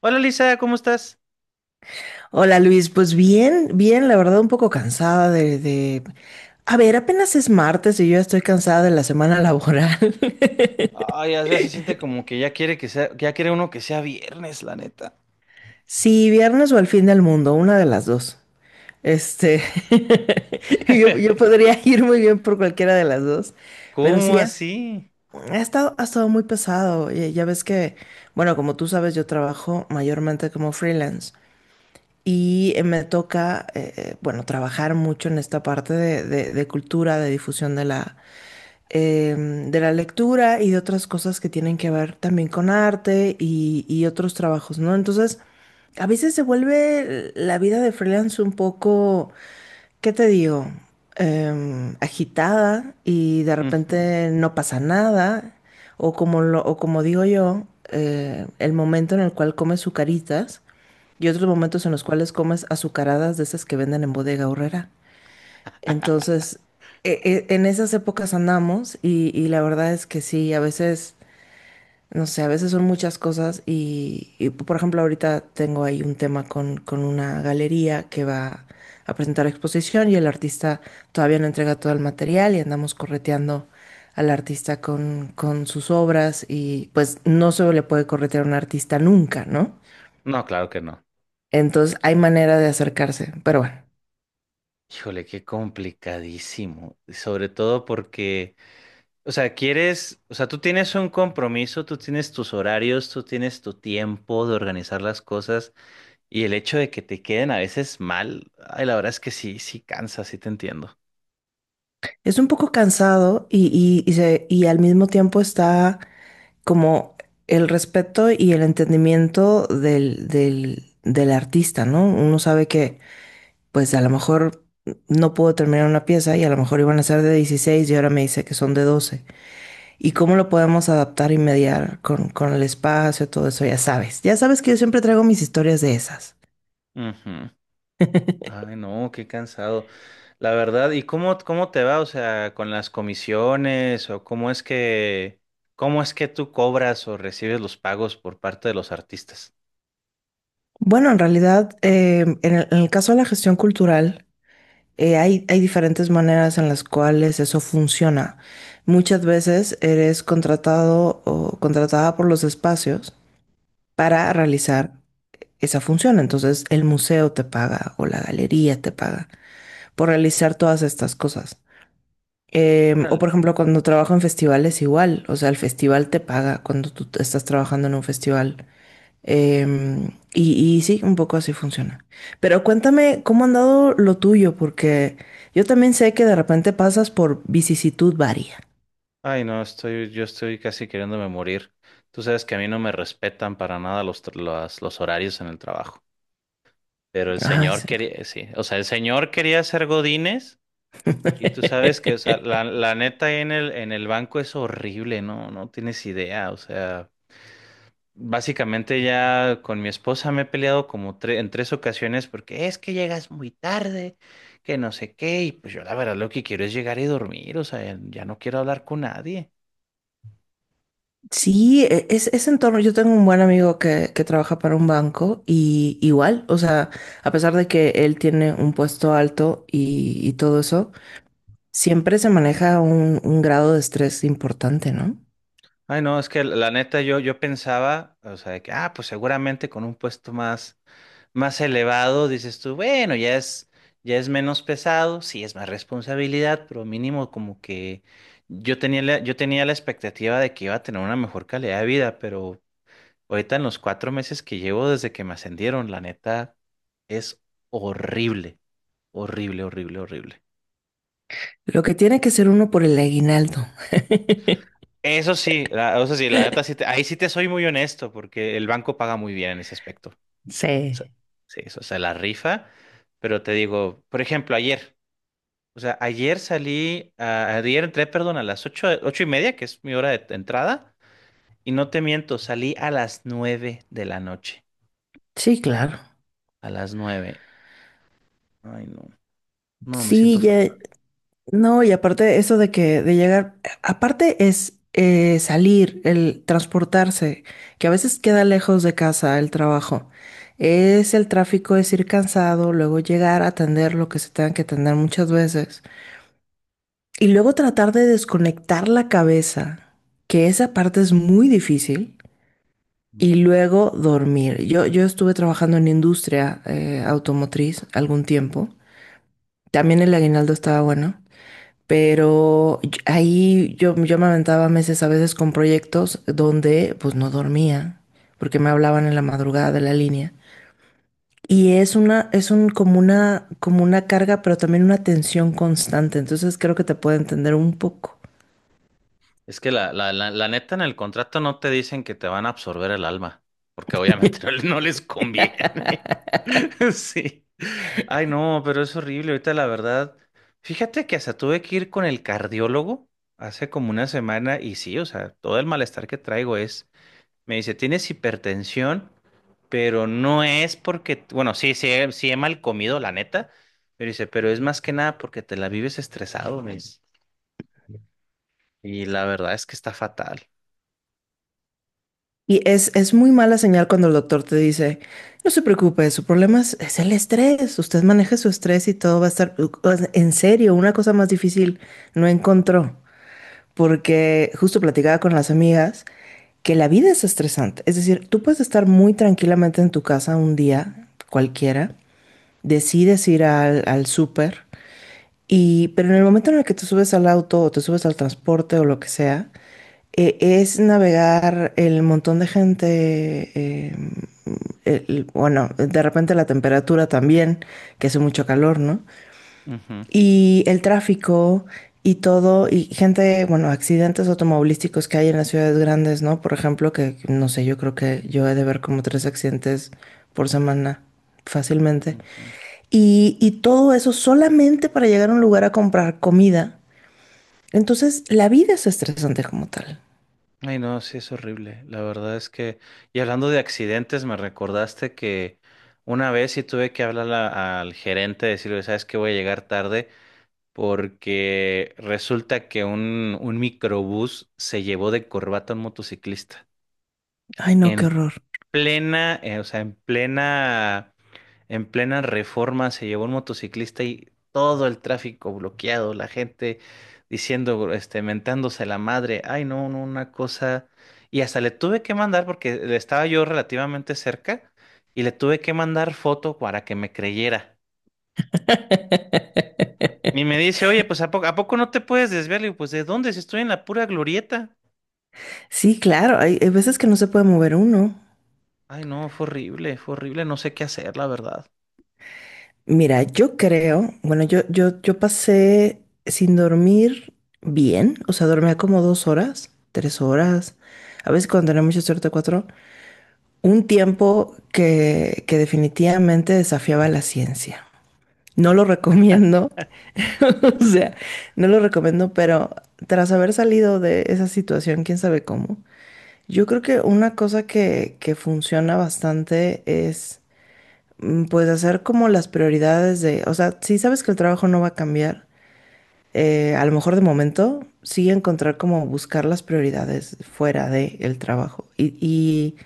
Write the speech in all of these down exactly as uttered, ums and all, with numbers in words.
Hola Lisa, ¿cómo estás? Hola Luis, pues bien, bien, la verdad un poco cansada de, de... A ver, apenas es martes y yo ya estoy cansada de la semana laboral. Ay, ya, ya se siente como que ya quiere que sea, ya quiere uno que sea viernes, la neta. Sí, viernes o al fin del mundo, una de las dos. Este, yo, yo podría ir muy bien por cualquiera de las dos, pero ¿Cómo sí, has- así? ha, estado, ha estado muy pesado. Ya, ya ves que, bueno, como tú sabes, yo trabajo mayormente como freelance y eh, me toca, eh, eh, bueno, trabajar mucho en esta parte de, de- de cultura, de difusión de la, em, de la lectura y de otras cosas que tienen que ver también con arte y, y otros trabajos, ¿no? Entonces, a veces se vuelve la vida de freelance un poco, ¿qué te digo? Em, agitada y de Ujú. repente no pasa nada, o como lo, o como digo yo, eh, el momento en el cual comes sucaritas y otros momentos en los cuales comes azucaradas de esas que venden en Bodega Aurrera. Entonces, e- e- en esas épocas andamos y, y la verdad es que sí, a veces, no sé, a veces son muchas cosas y, y, por ejemplo, ahorita tengo ahí un tema con, con una galería que va a presentar exposición y el artista todavía no entrega todo el material y andamos correteando al artista con, con sus obras y pues no se le puede corretear a un artista nunca, ¿no? No, claro que no. Entonces hay manera de acercarse, pero bueno. Híjole, qué complicadísimo. Y sobre todo porque, o sea, quieres, o sea, tú tienes un compromiso, tú tienes tus horarios, tú tienes tu tiempo de organizar las cosas y el hecho de que te queden a veces mal, ay, la verdad es que sí, sí cansa, sí te entiendo. Es un poco cansado y, y, y se- y al mismo tiempo está como el respeto y el entendimiento del, del, del artista, ¿no? Uno sabe que pues a lo mejor no puedo terminar una pieza y a lo mejor iban a ser de dieciséis y ahora me dice que son de doce. ¿Y cómo lo podemos adaptar y mediar con, con el espacio, todo eso? Ya sabes, ya sabes que yo siempre traigo mis historias de esas. Ujú. Ay, no, qué cansado. La verdad, ¿y cómo, cómo te va? O sea, con las comisiones o cómo es que, cómo es que tú cobras o recibes los pagos por parte de los artistas. Bueno, en realidad, eh, en el, en el caso de la gestión cultural, eh, hay, hay diferentes maneras en las cuales eso funciona. Muchas veces eres contratado o contratada por los espacios para realizar esa función. Entonces el museo te paga o la galería te paga por realizar todas estas cosas. Em, o Órale. por ejemplo, cuando trabajo en festivales igual, o sea, el festival te paga cuando tú estás trabajando en un festival. Em, y, y sí, un poco así funciona. Pero cuéntame cómo han dado lo tuyo, porque yo también sé que de repente pasas por vicisitud varia. Ay, no, estoy, yo estoy casi queriéndome morir. Tú sabes que a mí no me respetan para nada los, tra- las- los horarios en el trabajo. Pero el Ay, señor sí. quería, eh, sí, o sea, el señor quería ser godines y tú sabes que, o sea, la, la neta ahí en el, en el banco es horrible, ¿no? No tienes idea, o sea. Básicamente ya con mi esposa me he peleado como tre- en tres ocasiones porque es que llegas muy tarde, que no sé qué, y pues yo la verdad lo que quiero es llegar y dormir, o sea, ya no quiero hablar con nadie. Sí, e- es, ese entorno. Yo tengo un buen amigo que, que trabaja para un banco y igual, o sea, a pesar de que él tiene un puesto alto y, y todo eso, siempre se maneja un, un grado de estrés importante, ¿no? Ay, no, es que la neta yo, yo pensaba, o sea, de que, ah, pues seguramente con un puesto más, más elevado, dices tú, bueno, ya es, ya es menos pesado, sí es más responsabilidad, pero mínimo como que yo tenía la, yo tenía la expectativa de que iba a tener una mejor calidad de vida, pero... Ahorita en los cuatro meses que llevo desde que me ascendieron, la neta es horrible, horrible, horrible, horrible. Lo que tiene que ser uno por el aguinaldo. Eso sí, la, eso sí, la neta sí te- ahí sí te soy muy honesto porque el banco paga muy bien en ese aspecto. O sea, Sí. sí, o sea, la rifa, pero te digo, por ejemplo, ayer, o sea, ayer salí, a- ayer entré, perdón, a las ocho, ocho y media, que es mi hora de entrada, y no te miento, salí a las nueve de la noche, Sí, claro. a las nueve. Ay, no, no, me siento Sí, ya, fatal. no, y aparte eso de que de llegar, aparte es eh, salir, el transportarse, que a veces queda lejos de casa el trabajo. Es el tráfico, es ir cansado, luego llegar a atender lo que se tenga que atender muchas veces. Y luego tratar de desconectar la cabeza, que esa parte es muy difícil. Y luego dormir. Yo, yo estuve trabajando en industria eh, automotriz algún tiempo. También el aguinaldo estaba bueno. Pero y- ahí yo, yo me aventaba meses a veces con proyectos donde pues no dormía, porque me hablaban en la madrugada de la línea. Y es una, es un, como una, como una carga, pero también una tensión constante. Entonces creo que te puede entender un poco. Es que la, la, la, la neta en el contrato no te dicen que te van a absorber el alma, porque obviamente no, le- no les conviene. Sí. Ay, no, pero es horrible. Ahorita la verdad, fíjate que hasta tuve que ir con el cardiólogo hace como una semana y sí, o sea, todo el malestar que traigo es, me dice, tienes hipertensión, pero no es porque, bueno, sí, sí, he- sí he mal comido, la neta, pero dice, pero es más que nada porque te la vives estresado, me dice. Y la verdad es que está fatal. Y es, es muy mala señal cuando el doctor te dice, no se preocupe, su problema es, es el estrés. Usted maneje su estrés y todo va a estar, en serio, una cosa más difícil no encontró. Porque justo platicaba con las amigas que la vida es estresante. Es decir, tú puedes estar muy tranquilamente en tu casa un día, cualquiera, decides ir al, al súper, y, pero en el momento en el que te subes al auto o te subes al transporte o lo que sea, eh, es navegar el montón de gente, eh, el- bueno, de repente la temperatura también, que hace mucho calor, ¿no? Ujú. Y el tráfico y todo, y gente, bueno, accidentes automovilísticos que hay en las ciudades grandes, ¿no? Por ejemplo, que no sé, yo creo que yo he de ver como tres accidentes por semana fácilmente. Ujú. Y, y todo eso solamente para llegar a un lugar a comprar comida. Entonces, la vida es estresante como tal. Ay, no, sí es horrible. La verdad es que, y hablando de accidentes, me recordaste que una vez sí tuve que hablar a- al gerente, decirle, ¿sabes qué? Voy a llegar tarde porque resulta que un, un microbús se llevó de corbata a un motociclista. Ay, no, qué En horror. plena, eh, o sea, en plena En plena reforma se llevó un motociclista y todo el tráfico bloqueado, la gente diciendo, este, mentándose la madre, ay no, no, una cosa. Y hasta le tuve que mandar, porque le estaba yo relativamente cerca, y le tuve que mandar foto para que me creyera. Y me dice, oye, pues ¿a poco, a poco no te puedes desviar? Le digo, pues ¿de dónde? Si estoy en la pura glorieta. Sí, claro, hay, hay veces que no se puede mover uno. Ay no, fue horrible, fue horrible, no sé qué hacer, la verdad. Mira, yo creo, bueno, yo, yo, yo pasé sin dormir bien, o sea, dormía como dos horas, tres horas, a veces cuando tenía mucha suerte cuatro, un tiempo que, que definitivamente desafiaba la ciencia. No lo recomiendo, o sea, no lo recomiendo, pero tras haber salido de esa situación, quién sabe cómo, yo creo que una cosa que, que funciona bastante es mm, pues hacer como las prioridades de, o sea, si sabes que el trabajo no va a cambiar, eh, a lo mejor de momento sí encontrar como buscar las prioridades fuera del trabajo y, y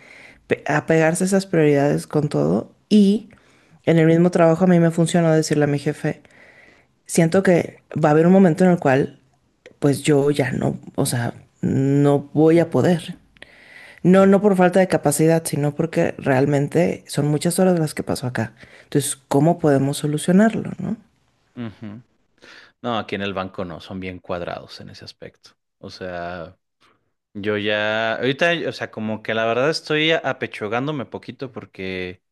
pe- apegarse a esas prioridades con todo. Y en el mismo trabajo a mí me funcionó decirle a mi jefe, siento que va a haber un momento en el cual pues yo ya no, o sea, no voy Ujú. a poder. No, no Claro. por falta de capacidad, sino porque realmente son muchas horas las que pasó acá. Entonces, ¿cómo podemos solucionarlo, no? Ujú. No, aquí en el banco no, son bien cuadrados en ese aspecto. O sea... Yo ya, ahorita, o sea, como que la verdad estoy apechugándome poquito porque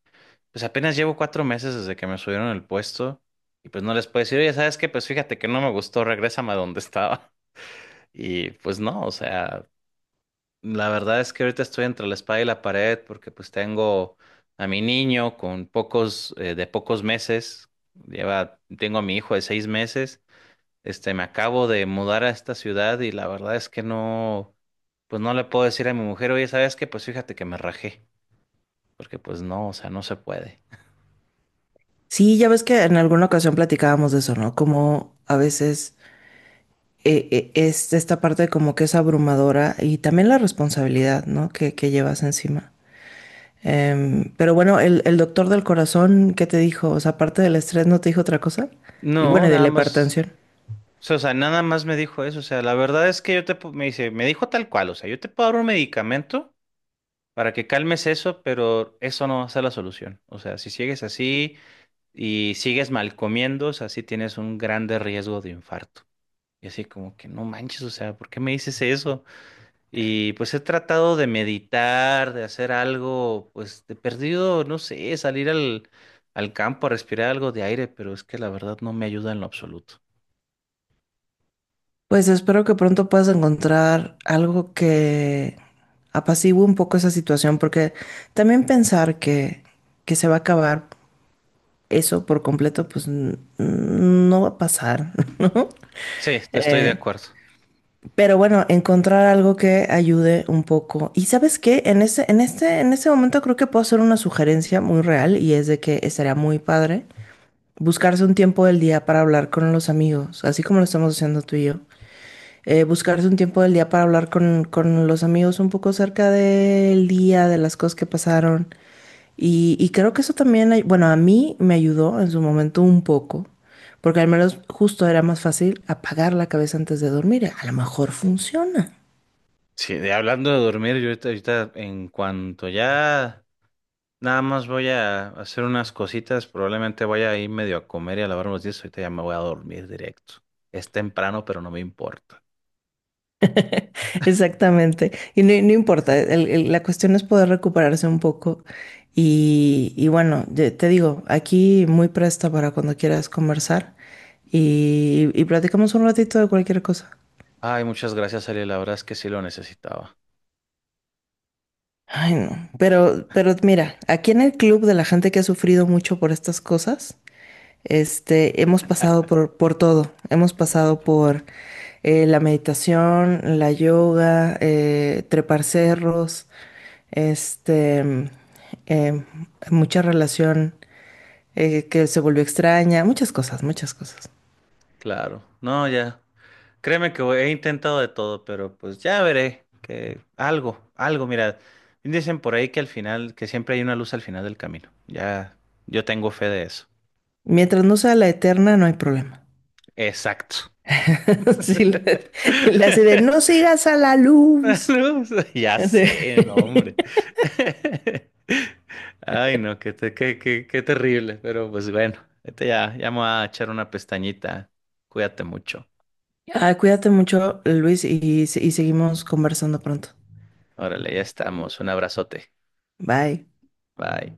pues apenas llevo cuatro meses desde que me subieron el puesto y pues no les puedo decir, oye, ¿sabes qué? Pues fíjate que no me gustó, regrésame a donde estaba. Y pues no, o sea, la verdad es que ahorita estoy entre la espada y la pared porque pues tengo a mi niño con pocos, eh, de pocos meses, lleva, tengo a mi hijo de seis meses este, me acabo de mudar a esta ciudad y la verdad es que no, pues no le puedo decir a mi mujer, oye, ¿sabes qué? Pues fíjate que me rajé, porque pues no, o sea, no se puede. Sí, ya ves que en alguna ocasión platicábamos de eso, ¿no? Como a veces eh, eh, es esta parte como que es abrumadora y también la responsabilidad, ¿no? Que, que llevas encima. Em, pero bueno, el, el doctor del corazón, ¿qué te dijo? O sea, aparte del estrés, ¿no te dijo otra cosa? Y bueno, No, y de nada la más, hipertensión. o sea, nada más me dijo eso, o sea, la verdad es que yo te, pu- me dice, me dijo tal cual, o sea, yo te puedo dar un medicamento para que calmes eso, pero eso no va a ser la solución. O sea, si sigues así y sigues mal comiendo, o sea, sí tienes un grande riesgo de infarto. Y así como que no manches, o sea, ¿por qué me dices eso? Y pues he tratado de meditar, de hacer algo, pues de perdido, no sé, salir al, al campo a respirar algo de aire, pero es que la verdad no me ayuda en lo absoluto. Pues espero que pronto puedas encontrar algo que apacigüe un poco esa situación, porque también pensar que, que se va a acabar eso por completo, pues n- no va a pasar, ¿no? Sí, estoy de Eh, acuerdo. pero bueno, encontrar algo que ayude un poco. Y ¿sabes qué? En ese, en este, en ese momento creo que puedo hacer una sugerencia muy real y es de que estaría muy padre buscarse un tiempo del día para hablar con los amigos, así como lo estamos haciendo tú y yo eh, buscarse un tiempo del día para hablar con, con los amigos un poco cerca del día, de las cosas que pasaron. Y, y creo que eso también, ay- bueno, a mí me ayudó en su momento un poco, porque al menos justo era más fácil apagar la cabeza antes de dormir. A lo mejor funciona. Sí, de hablando de dormir, yo ahorita, ahorita en cuanto ya nada más voy a hacer unas cositas, probablemente vaya a ir medio a comer y a lavar unos dientes, ahorita ya me voy a dormir directo. Es temprano, pero no me importa. Exactamente. Y no, no importa, el- el- la cuestión es poder recuperarse un poco. Y, y bueno, de- te digo, aquí muy presta para cuando quieras conversar y, y platicamos un ratito de cualquier cosa. Ay, muchas gracias, Ariel, la verdad es que sí lo necesitaba. Ay, no. Pero, pero mira, aquí en el club de la gente que ha sufrido mucho por estas cosas, este, hemos pasado por, por todo. Hemos pasado por eh, la meditación, la yoga, eh, trepar cerros, este, mm, eh, mucha relación eh, que se volvió extraña, muchas cosas, muchas cosas. Claro. No, ya. Créeme que he intentado de todo, pero pues ya veré que algo, algo, mira, dicen por ahí que al final, que siempre hay una luz al final del camino. Ya, yo tengo fe de eso. Mientras no sea la eterna, no hay problema. Exacto. Sí, le, le hace de no sigas a la Una luz. luz. Ya Así. sé, no, hombre. Ay, no, qué, te- qué, qué, qué terrible, pero pues bueno, este ya, ya me voy a echar una pestañita. Cuídate mucho. Ah, cuídate mucho, Luis, y, se- y seguimos conversando pronto. Órale, ya estamos. Un abrazote. Bye. Bye.